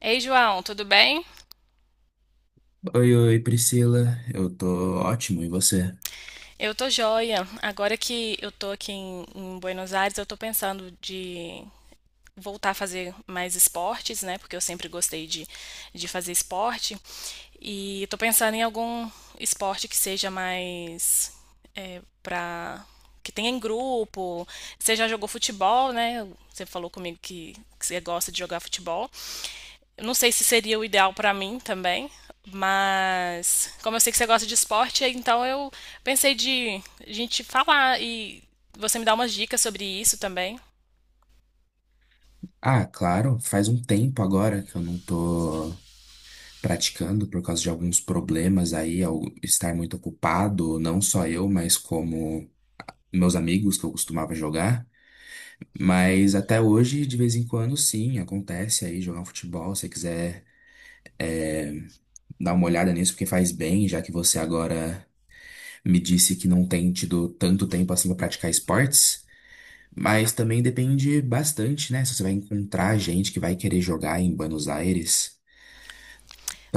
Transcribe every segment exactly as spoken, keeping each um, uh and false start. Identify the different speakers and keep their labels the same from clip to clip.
Speaker 1: Ei, João, tudo bem?
Speaker 2: Oi, oi, Priscila. Eu tô ótimo, e você?
Speaker 1: Eu tô joia. Agora que eu tô aqui em, em Buenos Aires, eu tô pensando de voltar a fazer mais esportes, né? Porque eu sempre gostei de, de fazer esporte. E tô pensando em algum esporte que seja mais é, pra. Que tenha em grupo. Você já jogou futebol, né? Você falou comigo que, que você gosta de jogar futebol. Eu Não sei se seria o ideal pra mim também, mas como eu sei que você gosta de esporte, então eu pensei de a gente falar e você me dar umas dicas sobre isso também.
Speaker 2: Ah, claro, faz um tempo agora que eu não tô praticando por causa de alguns problemas aí, ao estar muito ocupado, não só eu, mas como meus amigos que eu costumava jogar. Mas até hoje, de vez em quando, sim, acontece aí jogar um futebol, se você quiser dar uma olhada nisso, porque faz bem, já que você agora me disse que não tem tido tanto tempo assim pra praticar esportes. Mas também depende bastante, né? Se você vai encontrar gente que vai querer jogar em Buenos Aires,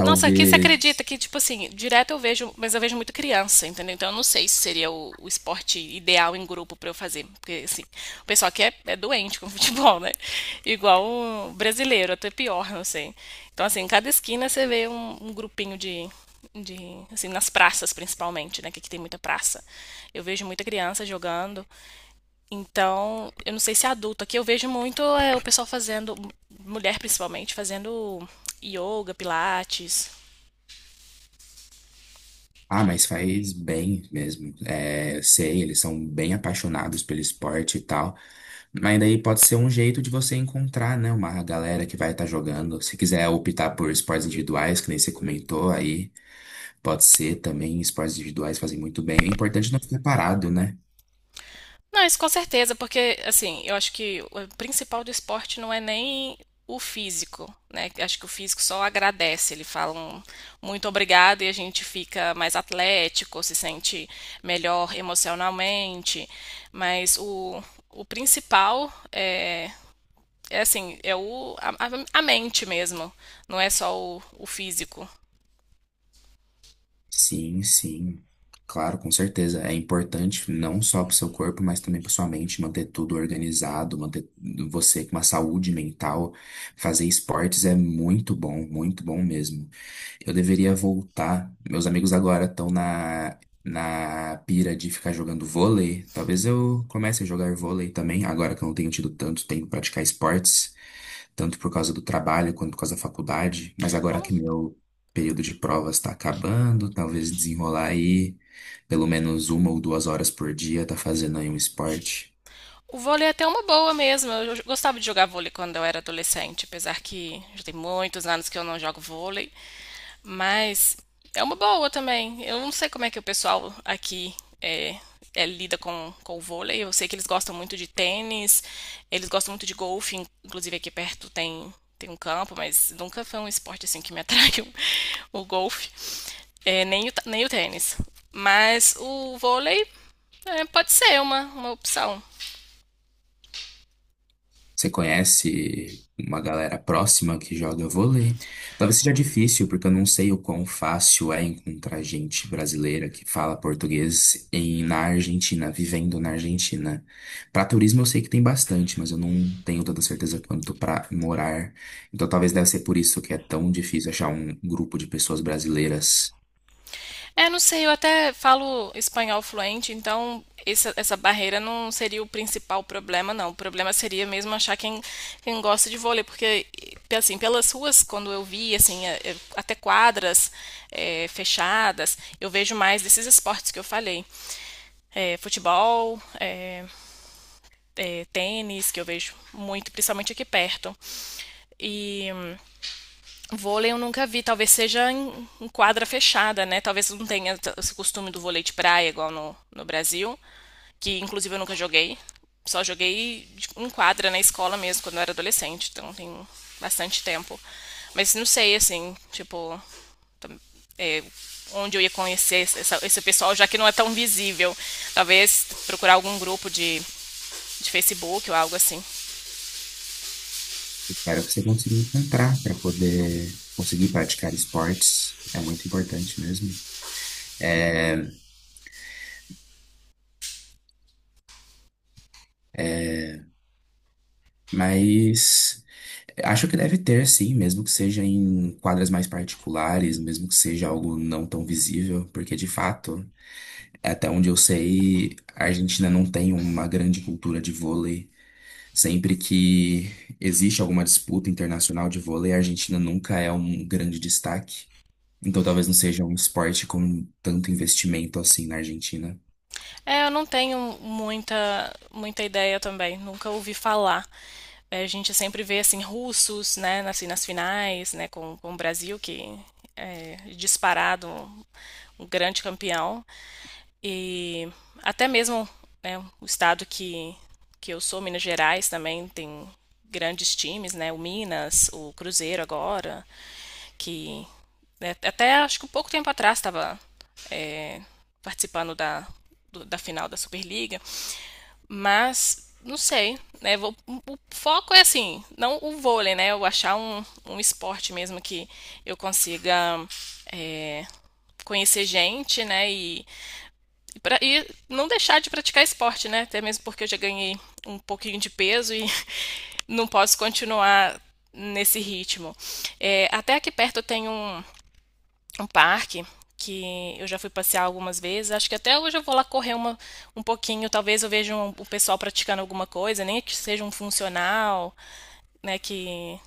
Speaker 1: Nossa, aqui você acredita que, tipo assim, direto eu vejo, mas eu vejo muito criança, entendeu? Então eu não sei se seria o, o esporte ideal em grupo pra eu fazer. Porque, assim, o pessoal aqui é, é doente com futebol, né? Igual o brasileiro, até pior, não sei. Então, assim, em cada esquina você vê um, um grupinho de, de- assim, nas praças principalmente, né? Que aqui tem muita praça. Eu vejo muita criança jogando. Então, eu não sei se é adulto. Aqui eu vejo muito é, o pessoal fazendo, mulher principalmente, fazendo yoga, pilates.
Speaker 2: Ah, mas faz bem mesmo. É, sei, eles são bem apaixonados pelo esporte e tal. Mas daí pode ser um jeito de você encontrar, né? Uma galera que vai estar jogando. Se quiser optar por esportes individuais, que nem você comentou aí, pode ser também. Esportes individuais fazem muito bem. O importante é não ficar parado, né?
Speaker 1: Não, isso com certeza, porque assim, eu acho que o principal do esporte não é nem o físico, né? Acho que o físico só agradece, ele fala um muito obrigado e a gente fica mais atlético, se sente melhor emocionalmente, mas o, o principal é, é, assim, é o, a, a- a mente mesmo, não é só o, o físico.
Speaker 2: Sim, sim. Claro, com certeza. É importante não só para o seu corpo, mas também para sua mente, manter tudo organizado, manter você com uma saúde mental. Fazer esportes é muito bom, muito bom mesmo. Eu deveria voltar. Meus amigos agora estão na, na pira de ficar jogando vôlei. Talvez eu comece a jogar vôlei também, agora que eu não tenho tido tanto tempo para praticar esportes tanto por causa do trabalho quanto por causa da faculdade, mas agora que meu período de provas está acabando, talvez desenrolar aí pelo menos uma ou duas horas por dia, tá fazendo aí um esporte.
Speaker 1: O vôlei é até uma boa mesmo. Eu gostava de jogar vôlei quando eu era adolescente, apesar que já tem muitos anos que eu não jogo vôlei, mas é uma boa também. Eu não sei como é que o pessoal aqui é, é, lida com, com o vôlei. Eu sei que eles gostam muito de tênis, eles gostam muito de golfe, in- inclusive aqui perto tem, tem um campo, mas nunca foi um esporte assim que me atraiu o, golfe, é, nem, o, ta- nem o tênis. Mas o vôlei é, pode ser uma, uma opção.
Speaker 2: Você conhece uma galera próxima que joga vôlei? Talvez seja difícil, porque eu não sei o quão fácil é encontrar gente brasileira que fala português em, na Argentina, vivendo na Argentina. Para turismo eu sei que tem bastante, mas eu não tenho tanta certeza quanto para morar. Então talvez deve ser por isso que é tão difícil achar um grupo de pessoas brasileiras.
Speaker 1: É, não sei, eu até falo espanhol fluente, então essa, essa barreira não seria o principal problema, não. O problema seria mesmo achar quem, quem gosta de vôlei, porque, assim, pelas ruas, quando eu vi, assim, é, é, até quadras é, fechadas, eu vejo mais desses esportes que eu falei. É, futebol, é, é, tênis, que eu vejo muito, principalmente aqui perto. E Vôlei eu nunca vi, talvez seja em, em quadra fechada, né? Talvez não tenha t- esse costume do vôlei de praia igual no, no Brasil, que inclusive eu nunca joguei. Só joguei de- em quadra na escola mesmo, quando eu era adolescente, então tem bastante tempo. Mas não sei, assim, tipo, é, onde eu ia conhecer esse, essa- esse pessoal, já que não é tão visível. Talvez procurar algum grupo de, de Facebook ou algo assim.
Speaker 2: Espero que você consiga encontrar para poder conseguir praticar esportes. É muito importante mesmo. É, mas. Acho que deve ter, sim, mesmo que seja em quadras mais particulares, mesmo que seja algo não tão visível, porque de fato, até onde eu sei, a Argentina não tem uma grande cultura de vôlei. Sempre que existe alguma disputa internacional de vôlei, a Argentina nunca é um grande destaque. Então talvez não seja um esporte com tanto investimento assim na Argentina.
Speaker 1: É, eu não tenho muita, muita ideia também, nunca ouvi falar. É, A gente sempre vê assim russos, né, assim, nas finais, né, com, com o Brasil que é disparado um, um grande campeão e até mesmo, né, o estado que que eu sou, Minas Gerais também tem grandes times, né, o Minas, o Cruzeiro agora, que né, até acho que um pouco tempo atrás estava participando da, do- da final da Superliga. Mas, não sei, né? Vou- o foco é assim, não o vôlei, né? Eu achar um, um esporte mesmo que eu consiga é, conhecer gente, né? E, e, pra- e não deixar de praticar esporte, né? Até mesmo porque eu já ganhei um pouquinho de peso e não posso continuar nesse ritmo. É, até aqui perto tem um um parque que eu já fui passear algumas vezes. Acho que até hoje eu vou lá correr uma, um pouquinho. Talvez eu veja um- o pessoal praticando alguma coisa, nem que seja um funcional, né? Que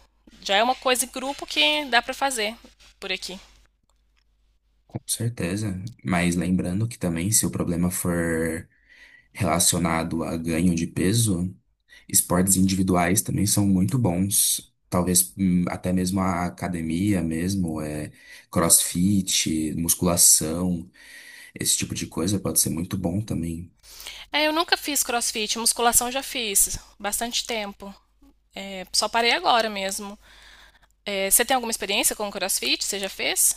Speaker 1: já é uma coisa em grupo que dá pra fazer por aqui.
Speaker 2: Com certeza. Mas lembrando que também, se o problema for relacionado a ganho de peso, esportes individuais também são muito bons. Talvez hum, até mesmo a academia mesmo, é, CrossFit, musculação, esse tipo de coisa pode ser muito bom também.
Speaker 1: É, eu nunca fiz crossfit, musculação eu já fiz, bastante tempo. É, só parei agora mesmo. É, você tem alguma experiência com crossfit? Você já fez?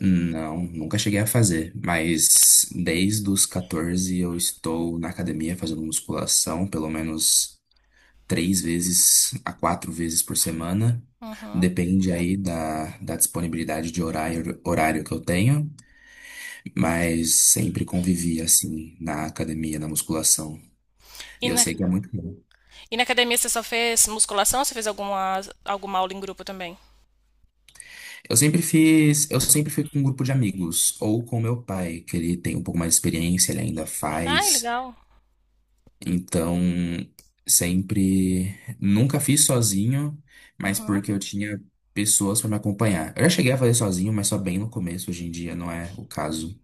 Speaker 2: Não, nunca cheguei a fazer, mas desde os catorze eu estou na academia fazendo musculação, pelo menos três vezes a quatro vezes por semana.
Speaker 1: Uhum.
Speaker 2: Depende aí da, da disponibilidade de horário, horário, que eu tenho. Mas sempre convivia assim na academia, na musculação.
Speaker 1: E
Speaker 2: E eu
Speaker 1: na,
Speaker 2: sei que é muito bom.
Speaker 1: e na academia você só fez musculação ou você fez alguma, alguma aula em grupo também?
Speaker 2: Eu sempre fiz, eu sempre fui com um grupo de amigos, ou com meu pai, que ele tem um pouco mais de experiência, ele ainda
Speaker 1: Ai,
Speaker 2: faz.
Speaker 1: legal.
Speaker 2: Então, sempre, nunca fiz sozinho, mas
Speaker 1: Uhum.
Speaker 2: porque eu tinha pessoas para me acompanhar. Eu já cheguei a fazer sozinho, mas só bem no começo, hoje em dia não é o caso,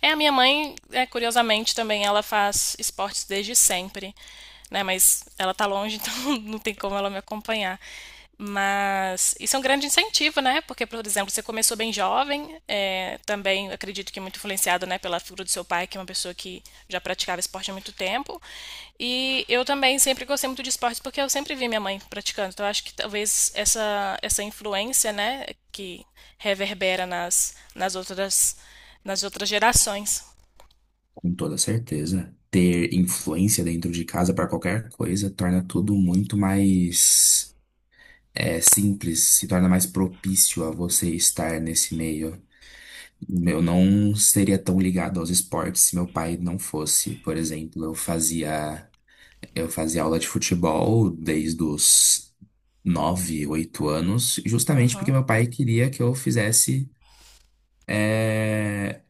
Speaker 1: É, a minha mãe, é, curiosamente, também ela faz esportes desde sempre, né? Mas ela tá longe, então não tem como ela me acompanhar. Mas isso é um grande incentivo, né? Porque, por exemplo, você começou bem jovem, é, também acredito que é muito influenciado, né, pela figura do seu pai, que é uma pessoa que já praticava esporte há muito tempo. E eu também sempre gostei muito de esportes porque eu sempre vi minha mãe praticando. Então, eu acho que talvez essa, essa influência, né, que reverbera nas, nas outras nas outras gerações.
Speaker 2: com toda certeza. Ter influência dentro de casa para qualquer coisa torna tudo muito mais é simples, se torna mais propício a você estar nesse meio. Eu não seria tão ligado aos esportes se meu pai não fosse. Por exemplo, eu fazia eu fazia aula de futebol desde os nove, oito anos, justamente porque
Speaker 1: Uhum,
Speaker 2: meu pai queria que eu fizesse é,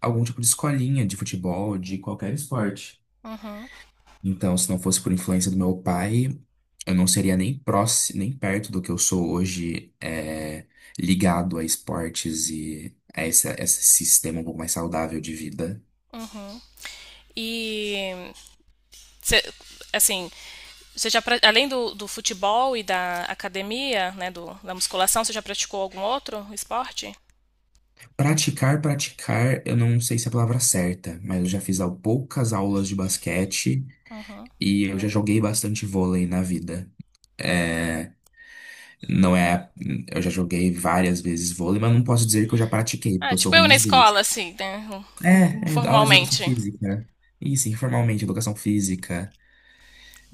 Speaker 2: algum tipo de escolinha de futebol, de qualquer esporte.
Speaker 1: uhum,
Speaker 2: Então, se não fosse por influência do meu pai, eu não seria nem próximo, nem perto do que eu sou hoje, é, ligado a esportes e a esse, a esse sistema um pouco mais saudável de vida.
Speaker 1: uhum. E, cê, assim, você já, pra- além do, do futebol e da academia, né, do, da musculação, você já praticou algum outro esporte?
Speaker 2: Praticar, praticar, eu não sei se é a palavra certa, mas eu já fiz al- poucas aulas de basquete
Speaker 1: Uhum.
Speaker 2: e eu já joguei bastante vôlei na vida. É, não é, eu já joguei várias vezes vôlei, mas não posso dizer que eu já pratiquei, porque
Speaker 1: Ah,
Speaker 2: eu sou
Speaker 1: tipo
Speaker 2: ruim
Speaker 1: eu na
Speaker 2: nos dois.
Speaker 1: escola, assim, né, in-
Speaker 2: É, é aula de educação
Speaker 1: informalmente.
Speaker 2: física. Isso, informalmente, educação física.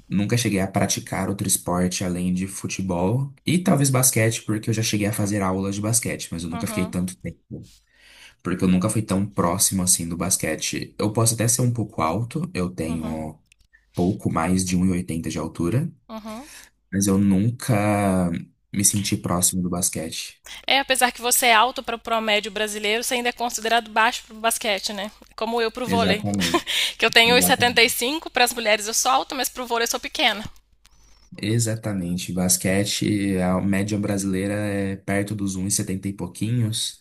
Speaker 2: Nunca cheguei a praticar outro esporte além de futebol e talvez basquete, porque eu já cheguei a fazer aulas de basquete, mas eu nunca fiquei
Speaker 1: Uhum,
Speaker 2: tanto tempo, porque eu nunca fui tão próximo assim do basquete. Eu posso até ser um pouco alto, eu
Speaker 1: uhum,
Speaker 2: tenho pouco mais de um e oitenta de altura,
Speaker 1: uhum.
Speaker 2: mas eu nunca me senti próximo do basquete.
Speaker 1: É, apesar que você é alto para o promédio brasileiro, você ainda é considerado baixo para o basquete, né? Como eu para o vôlei.
Speaker 2: Exatamente,
Speaker 1: Que eu tenho
Speaker 2: exatamente.
Speaker 1: um e setenta e cinco, para as mulheres eu sou alta, mas para o vôlei eu sou pequena.
Speaker 2: Exatamente. Basquete, a média brasileira é perto dos um e setenta e setenta e pouquinhos,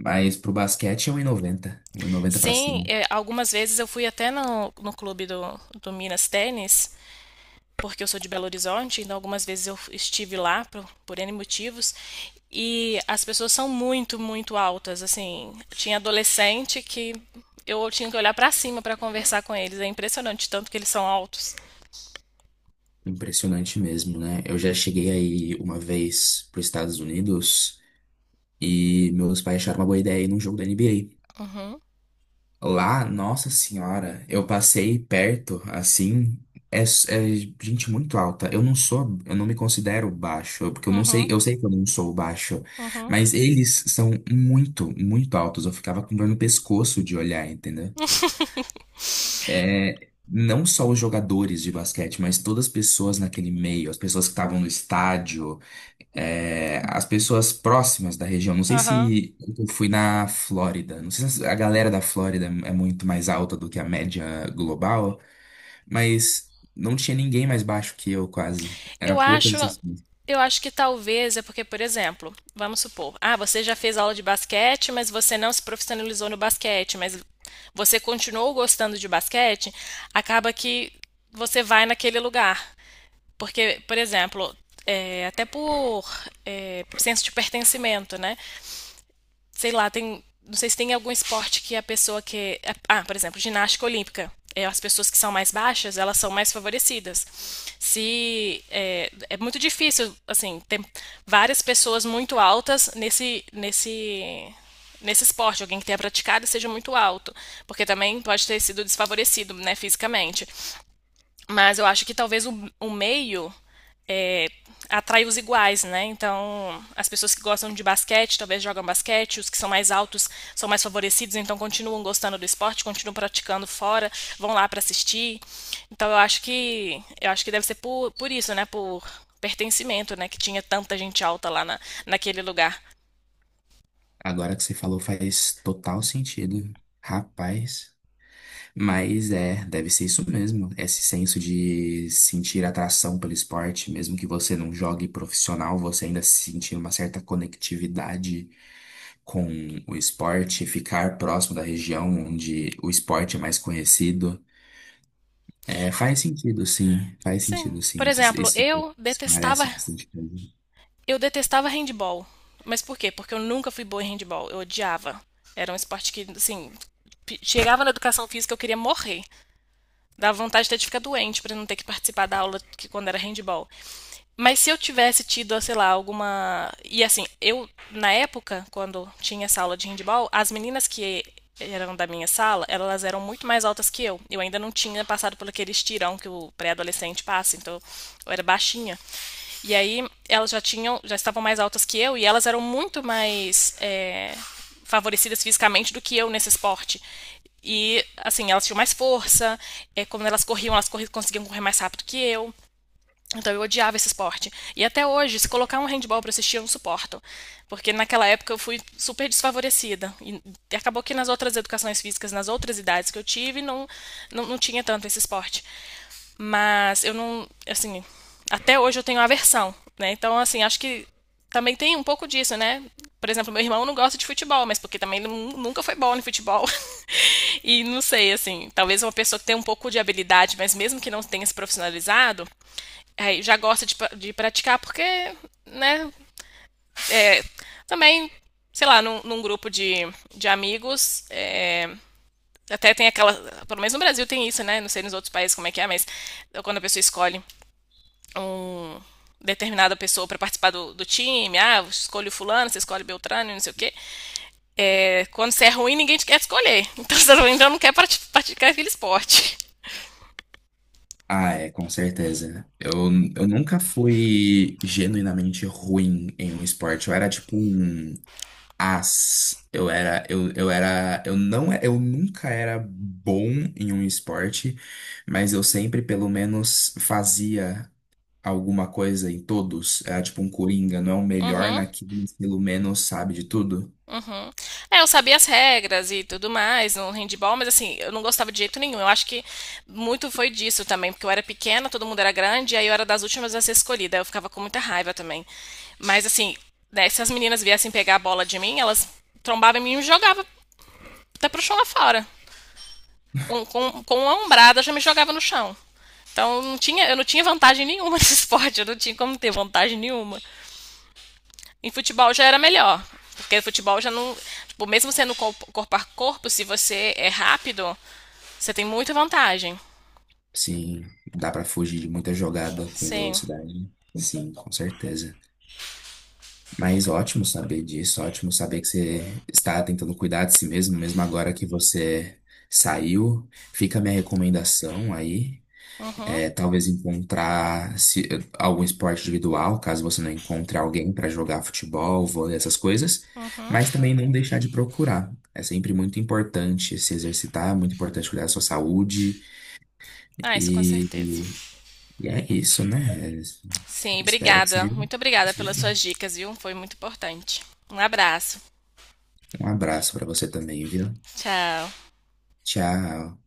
Speaker 2: mas pro basquete é um e noventa, um e noventa para
Speaker 1: Sim,
Speaker 2: cima.
Speaker 1: é, algumas vezes eu fui até no, no clube do, do Minas Tênis, porque eu sou de Belo Horizonte, então algumas vezes eu estive lá por, por N motivos, e as pessoas são muito, muito altas, assim. Tinha adolescente que eu tinha que olhar pra cima pra conversar com eles, é impressionante tanto que eles são altos.
Speaker 2: Impressionante mesmo, né? Eu já cheguei aí uma vez para Estados Unidos e meus pais acharam uma boa ideia ir num jogo da N B A.
Speaker 1: Uhum,
Speaker 2: Lá, nossa senhora, eu passei perto, assim, é, s- é gente muito alta. Eu não sou, eu não me considero baixo, porque eu não sei,
Speaker 1: uhum,
Speaker 2: eu sei que eu não sou baixo,
Speaker 1: uhum,
Speaker 2: mas eles são muito, muito altos. Eu ficava com dor no pescoço de olhar, entendeu? É, não só os jogadores de basquete, mas todas as pessoas naquele meio, as pessoas que estavam no estádio é, as pessoas próximas da região. Não sei
Speaker 1: aham.
Speaker 2: se eu fui na Flórida. Não sei se a galera da Flórida é muito mais alta do que a média global, mas não tinha ninguém mais baixo que eu, quase.
Speaker 1: Eu
Speaker 2: Era poucas
Speaker 1: acho,
Speaker 2: exceções.
Speaker 1: eu acho que talvez é porque, por exemplo, vamos supor, ah, você já fez aula de basquete, mas você não se profissionalizou no basquete, mas você continuou gostando de basquete, acaba que você vai naquele lugar. Porque, por exemplo, é, até por, é, por senso de pertencimento, né? sei lá, tem, não sei se tem algum esporte que a pessoa que, ah, por exemplo, ginástica olímpica, é, as pessoas que são mais baixas, elas são mais favorecidas. Se é, é muito difícil, assim, ter várias pessoas muito altas nesse nesse nesse esporte, alguém que tenha praticado seja muito alto, porque também pode ter sido desfavorecido, né, fisicamente. Mas eu acho que talvez o, o meio é, atrai os iguais, né? Então, as pessoas que gostam de basquete talvez jogam basquete, os que são mais altos são mais favorecidos, então continuam gostando do esporte, continuam praticando fora, vão lá para assistir. Então, eu acho que eu acho que deve ser por, por isso, né? Por pertencimento, né? Que tinha tanta gente alta lá na, naquele lugar.
Speaker 2: Agora que você falou faz total sentido. Rapaz. Mas é, deve ser isso mesmo. Esse senso de sentir atração pelo esporte, mesmo que você não jogue profissional, você ainda sentir uma certa conectividade com o esporte, ficar próximo da região onde o esporte é mais conhecido. É, faz sentido, sim, faz
Speaker 1: Sim.
Speaker 2: sentido,
Speaker 1: Por
Speaker 2: sim. Isso,
Speaker 1: exemplo,
Speaker 2: isso
Speaker 1: eu detestava
Speaker 2: parece bastante coisa.
Speaker 1: Eu detestava handball. Mas por quê? Porque eu nunca fui boa em handball. Eu odiava. Era um esporte que, assim, chegava na educação física eu queria morrer. Dava vontade até de ficar doente para não ter que participar da aula que quando era handball. Mas se eu tivesse tido, sei lá, alguma. E assim, eu, na época, quando tinha essa aula de handball, as meninas que eram da minha sala, elas eram muito mais altas que eu. Eu ainda não tinha passado por aquele estirão que o pré-adolescente passa, então eu era baixinha. E aí elas já tinham, já estavam mais altas que eu e elas eram muito mais é, favorecidas fisicamente do que eu nesse esporte. E, assim, elas tinham mais força, é, quando elas corriam, elas corri conseguiam correr mais rápido que eu. Então eu odiava esse esporte. E até hoje, se colocar um handball para assistir, eu não suporto. Porque naquela época eu fui super desfavorecida. E acabou que nas outras educações físicas, nas outras idades que eu tive, não, não, não tinha tanto esse esporte. Mas eu não, assim, até hoje eu tenho aversão, né? Então, assim, acho que também tem um pouco disso, né? Por exemplo, meu irmão não gosta de futebol, mas porque também ele nu- nunca foi bom no futebol. E não sei, assim, talvez uma pessoa que tem um pouco de habilidade, mas mesmo que não tenha se profissionalizado, aí já gosta de, pra- de praticar porque, né, é, também, sei lá, num, num grupo de, de amigos, é, até tem aquela, pelo menos no Brasil tem isso, né, não sei nos outros países como é que é, mas quando a pessoa escolhe um determinada pessoa para participar do, do, time, ah, escolhe o fulano, você escolhe Beltrano, não sei o quê. É, quando você é ruim, ninguém te quer escolher. Então você então não quer praticar aquele esporte.
Speaker 2: Ah, é, com certeza. Eu, eu nunca fui genuinamente ruim em um esporte. Eu era tipo um as. Eu era, eu, eu era, eu não, eu nunca era bom em um esporte, mas eu sempre pelo menos fazia alguma coisa em todos. É tipo um coringa, não é o melhor
Speaker 1: Uhum.
Speaker 2: naquilo, mas pelo menos sabe de tudo.
Speaker 1: Uhum. É, eu sabia as regras e tudo mais no handball, mas assim, eu não gostava de jeito nenhum. Eu acho que muito foi disso também, porque eu era pequena, todo mundo era grande, e aí eu era das últimas a ser escolhida. Eu ficava com muita raiva também. Mas assim, né, se as meninas viessem pegar a bola de mim, elas trombavam em mim e me jogavam até pro chão lá fora. com, com, com uma ombrada já me jogava no chão. Então não tinha, eu não tinha vantagem nenhuma nesse esporte, eu não tinha como ter vantagem nenhuma. Em futebol já era melhor, porque o futebol já não. Tipo, mesmo sendo corpo a corpo, se você é rápido, você tem muita vantagem.
Speaker 2: Sim, dá pra fugir de muita jogada com
Speaker 1: Sim.
Speaker 2: velocidade. Sim, com certeza. Mas ótimo saber disso, ótimo saber que você está tentando cuidar de si mesmo, mesmo agora que você saiu. Fica a minha recomendação aí. É, talvez encontrar se- algum esporte individual, caso você não encontre alguém para jogar futebol, vôlei, essas coisas, mas também não deixar de procurar. É sempre muito importante se exercitar, é muito importante cuidar da sua saúde
Speaker 1: Ah, isso com
Speaker 2: e,
Speaker 1: certeza.
Speaker 2: e- e é isso, né?
Speaker 1: Sim,
Speaker 2: Espero que
Speaker 1: obrigada.
Speaker 2: você.
Speaker 1: Muito obrigada pelas suas dicas, viu? Foi muito importante. Um abraço.
Speaker 2: Um abraço para você também, viu?
Speaker 1: Tchau.
Speaker 2: Tchau.